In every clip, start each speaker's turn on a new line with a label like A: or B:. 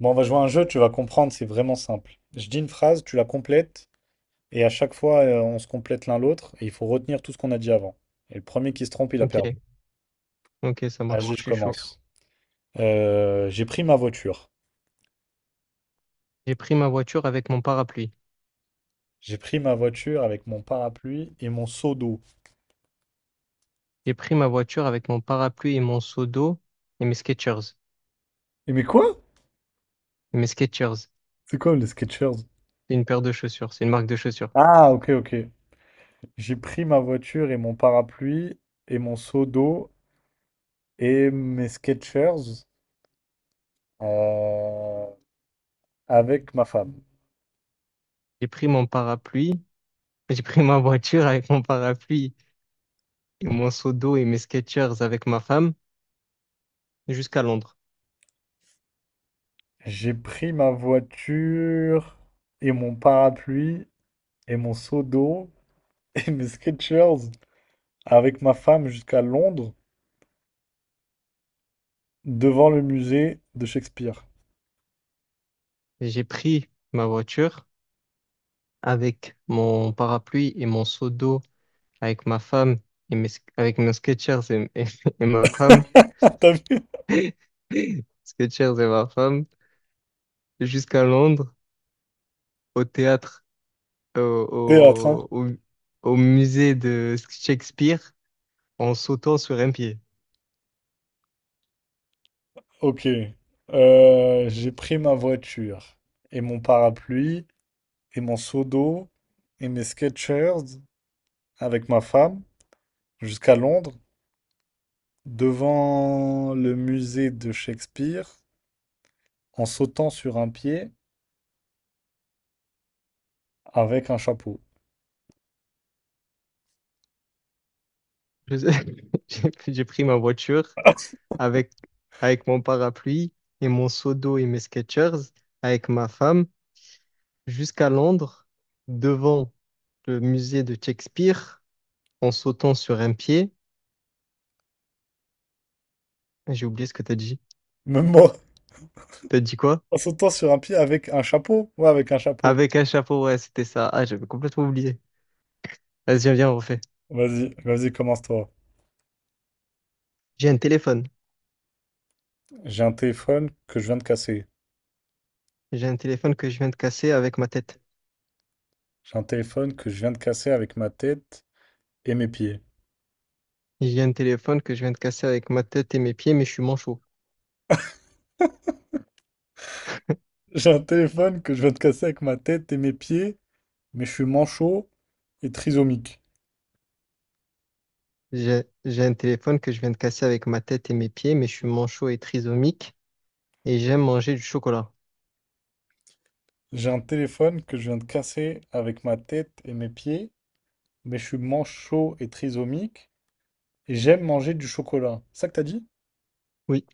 A: Bon, on va jouer à un jeu, tu vas comprendre, c'est vraiment simple. Je dis une phrase, tu la complètes, et à chaque fois, on se complète l'un l'autre, et il faut retenir tout ce qu'on a dit avant. Et le premier qui se trompe, il a
B: Ok,
A: perdu.
B: ok, ça marche,
A: Vas-y,
B: je
A: je
B: suis chaud.
A: commence. J'ai pris ma voiture.
B: J'ai pris ma voiture avec mon parapluie.
A: J'ai pris ma voiture avec mon parapluie et mon seau d'eau.
B: J'ai pris ma voiture avec mon parapluie et mon seau d'eau et mes Skechers.
A: Et mais quoi?
B: Mes Skechers, c'est
A: C'est quoi les Skechers?
B: une paire de chaussures, c'est une marque de chaussures.
A: Ah, ok, ok. J'ai pris ma voiture et mon parapluie et mon seau d'eau et mes Skechers euh, avec ma femme.
B: J'ai pris mon parapluie, j'ai pris ma voiture avec mon parapluie et mon seau d'eau et mes Skechers avec ma femme jusqu'à Londres.
A: J'ai pris ma voiture et mon parapluie et mon seau d'eau et mes Skechers avec ma femme jusqu'à Londres devant le musée de Shakespeare.
B: J'ai pris ma voiture avec mon parapluie et mon seau d'eau avec ma femme et mes, avec mes Skechers et ma femme.
A: Ah, t'as vu?
B: Skechers et ma femme jusqu'à Londres, au théâtre, au,
A: Théâtre, hein?
B: au, au- au musée de Shakespeare, en sautant sur un pied.
A: Ok. J'ai pris ma voiture et mon parapluie et mon seau d'eau et mes Skechers avec ma femme jusqu'à Londres devant le musée de Shakespeare en sautant sur un pied avec un chapeau.
B: Je J'ai pris ma voiture avec, avec mon parapluie et mon seau d'eau et mes Skechers, avec ma femme, jusqu'à Londres, devant le musée de Shakespeare, en sautant sur un pied. J'ai oublié ce que t'as dit.
A: Même moi.
B: T'as dit quoi?
A: En sautant sur un pied avec un chapeau? Ouais, avec un chapeau.
B: Avec un chapeau, ouais, c'était ça. Ah, j'avais complètement oublié. Vas-y, viens, on refait.
A: Vas-y, vas-y, commence-toi.
B: J'ai un téléphone.
A: J'ai un téléphone que je viens de casser.
B: J'ai un téléphone que je viens de casser avec ma tête.
A: J'ai un téléphone que je viens de casser avec ma tête et mes pieds.
B: J'ai un téléphone que je viens de casser avec ma tête et mes pieds, mais je suis manchot.
A: J'ai un téléphone que je viens de casser avec ma tête et mes pieds, mais je suis manchot et trisomique.
B: J'ai un téléphone que je viens de casser avec ma tête et mes pieds, mais je suis manchot et trisomique et j'aime manger du chocolat.
A: J'ai un téléphone que je viens de casser avec ma tête et mes pieds, mais je suis manchot et trisomique, et j'aime manger du chocolat. C'est ça que t'as dit?
B: Oui.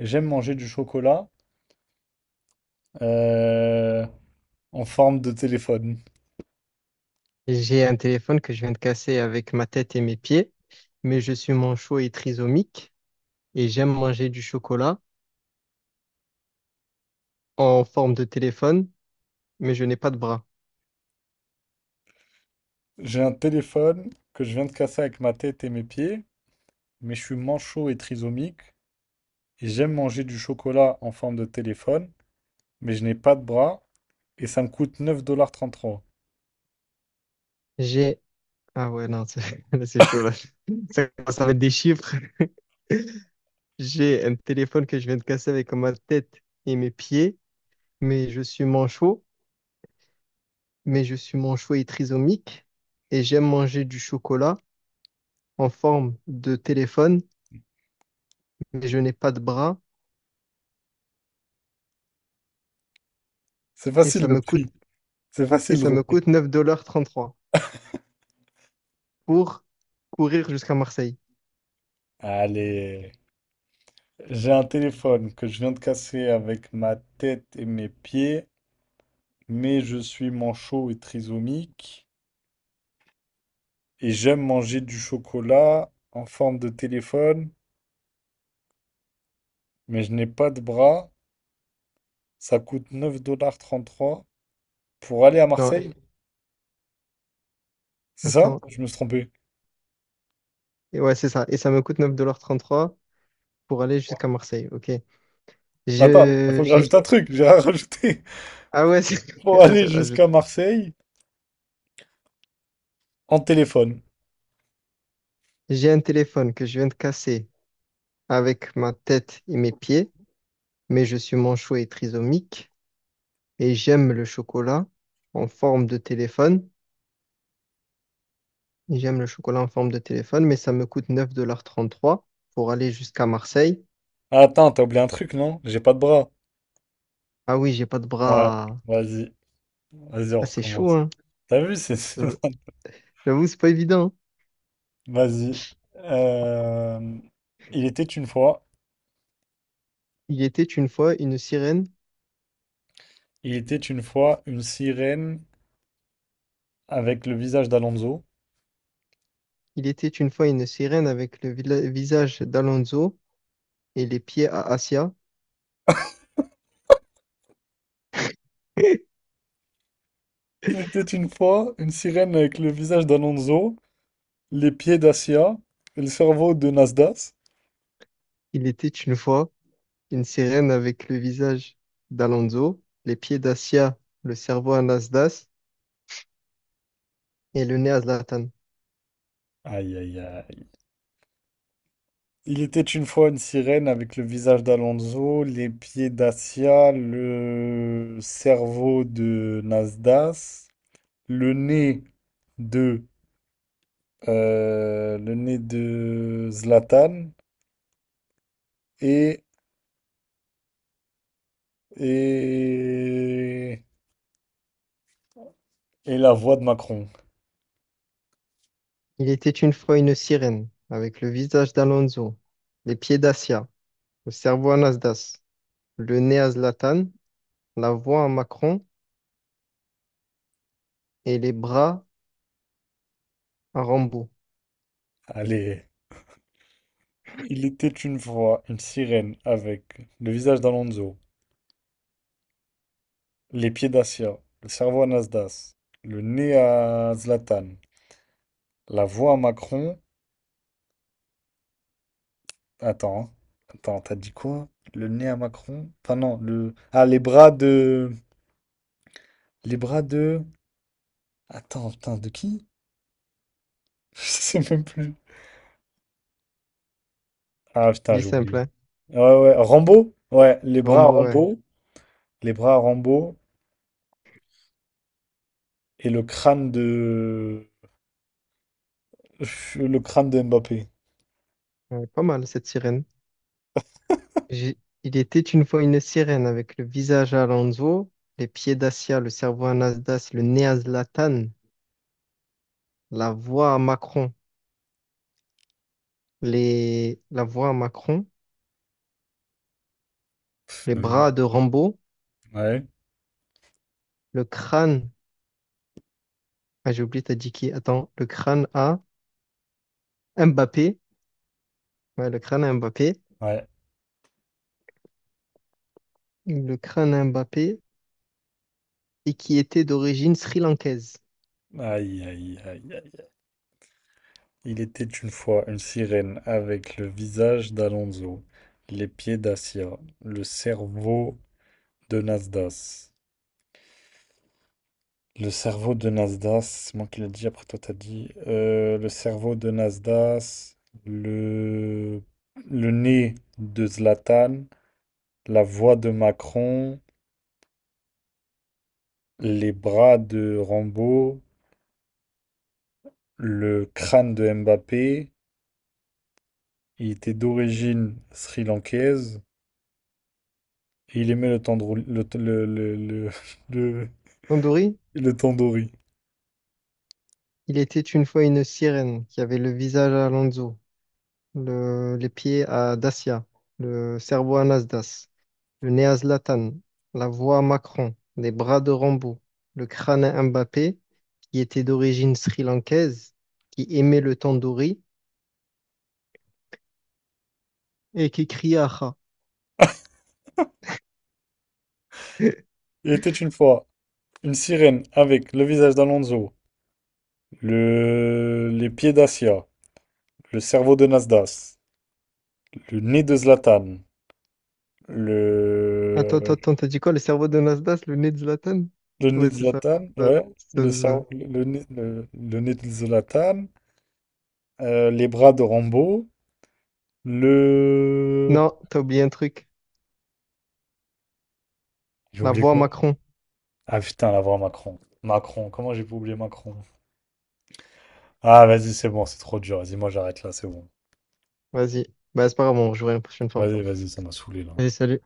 A: J'aime manger du chocolat euh, en forme de téléphone.
B: J'ai un téléphone que je viens de casser avec ma tête et mes pieds, mais je suis manchot et trisomique et j'aime manger du chocolat en forme de téléphone, mais je n'ai pas de bras.
A: J'ai un téléphone que je viens de casser avec ma tête et mes pieds, mais je suis manchot et trisomique, et j'aime manger du chocolat en forme de téléphone, mais je n'ai pas de bras, et ça me coûte 9,33$.
B: J'ai... Ah ouais, non, c'est là, c'est chaud là. Ça commence à mettre des chiffres. J'ai un téléphone que je viens de casser avec ma tête et mes pieds, mais je suis manchot, mais je suis manchot et trisomique, et j'aime manger du chocolat en forme de téléphone, mais je n'ai pas de bras,
A: C'est
B: et
A: facile
B: ça
A: le
B: me coûte,
A: prix, c'est
B: et
A: facile le
B: ça me
A: retenir.
B: coûte 9,33 $ pour courir jusqu'à Marseille.
A: Allez, j'ai un téléphone que je viens de casser avec ma tête et mes pieds, mais je suis manchot et trisomique et j'aime manger du chocolat en forme de téléphone, mais je n'ai pas de bras. Ça coûte neuf dollars trente-trois pour aller à
B: Non,
A: Marseille.
B: et-
A: C'est ça?
B: attends,
A: Je me suis trompé.
B: et ouais, c'est ça, et ça me coûte neuf dollars trente-trois pour aller jusqu'à Marseille, ok.
A: Attends, il
B: Je,
A: faut que je rajoute
B: j'ai,
A: un truc. J'ai rien rajouté.
B: ah ouais, c'est-
A: Pour
B: vas-y,
A: aller
B: rajoute.
A: jusqu'à Marseille en téléphone.
B: J'ai un téléphone que je viens de casser avec ma tête et mes pieds, mais je suis manchot et trisomique et j'aime le chocolat en forme de téléphone. J'aime le chocolat en forme de téléphone, mais ça me coûte 9,33 $ pour aller jusqu'à Marseille.
A: Ah, attends, t'as oublié un truc, non? J'ai pas de bras.
B: Ah oui, j'ai pas de
A: Ouais,
B: bras.
A: vas-y. Vas-y, on
B: Ah, c'est chaud,
A: recommence.
B: hein.
A: T'as vu, c'est...
B: Je- J'avoue, c'est pas évident. Hein.
A: Vas-y. Euh, Il était une fois.
B: Il était une fois une sirène.
A: Il était une fois une sirène avec le visage d'Alonso.
B: Il était une fois une sirène avec le visage d'Alonso et les pieds à Asia.
A: Il était une fois une sirène avec le visage d'Alonso, les pieds d'Acia et le cerveau de Nasdas.
B: Il était une fois une sirène avec le visage d'Alonso, les pieds d'Asia, le cerveau à Nasdaq et le nez à Zlatan.
A: Aïe aïe aïe. Il était une fois une sirène avec le visage d'Alonso, les pieds d'Acia, le cerveau de Nasdas, le nez de le nez de Zlatan et et et la voix de Macron.
B: Il était une fois une sirène, avec le visage d'Alonso, les pieds d'Acia, le cerveau à Nasdas, le nez à Zlatan, la voix à Macron et les bras à Rambo.
A: Allez, il était une fois une sirène avec le visage d'Alonso, les pieds d'Acia, le cerveau à Nasdaq, le nez à Zlatan, la voix à Macron. Attends, attends, t'as dit quoi? Le nez à Macron? Enfin non, le... Ah, les bras de... Les bras de... Attends, putain, de qui? Je sais même plus. Ah putain,
B: Dit
A: j'ai
B: simple,
A: oublié.
B: hein?
A: Ouais, ouais, Rambo? Ouais, les bras à
B: Rambo, ouais.
A: Rambo, les bras à Rambo et le crâne de... Le crâne de Mbappé.
B: Ouais, pas mal cette sirène. J'ai- Il était une fois une sirène, avec le visage à Alonso, les pieds d'Acia, le cerveau à Nasdas, le nez à Zlatan, la voix à Macron, la voix à Macron, les
A: Même
B: bras de Rambo,
A: ouais,
B: le crâne. Ah, j'ai oublié, t'as dit qui? Attends, le crâne à Mbappé. Ouais, le crâne à Mbappé.
A: ouais.
B: Le crâne à Mbappé et qui était d'origine sri-lankaise.
A: Aïe, aïe, aïe, aïe. Il était une fois une sirène avec le visage d'Alonso, les pieds d'Assia, le cerveau de Nasdas. Le cerveau de Nasdas, c'est moi qui l'ai dit, après toi t'as dit. Le cerveau de Nasdas, le... le nez de Zlatan, la voix de Macron, les bras de Rambo, le crâne de Mbappé. Il était d'origine sri-lankaise. Et il aimait le tandoori. Le-
B: Tandoori,
A: le tandoori.
B: il était une fois une sirène qui avait le visage à Alonso, les pieds à Dacia, le cerveau à Nasdas, le nez à Zlatan, la voix à Macron, les bras de Rambo, le crâne à Mbappé qui était d'origine sri-lankaise, qui aimait le tandoori et qui criait Aha.
A: Il était une fois une sirène avec le visage d'Alonso, les pieds d'Asia, le cerveau de Nasdaq, le nez de Zlatan,
B: Attends, attends,
A: le,
B: attends, t'as dit quoi? Le cerveau de Nasdaq, le nez de Zlatan?
A: le nez
B: Ouais,
A: de
B: c'est ça.
A: Zlatan,
B: C'est ça,
A: ouais,
B: c'est
A: le,
B: ça.
A: cerveau- le nez de Zlatan, les bras de Rambo, le.
B: Non, t'as oublié un truc.
A: J'ai
B: La
A: oublié
B: voix
A: quoi?
B: Macron.
A: Ah putain, la voix Macron. Macron, comment j'ai pu oublier Macron? Ah, vas-y, c'est bon, c'est trop dur. Vas-y, moi j'arrête là, c'est bon.
B: Vas-y. Bah, c'est pas grave, on rejouera une prochaine fois.
A: Vas-y, vas-y, ça m'a saoulé là.
B: Allez, salut.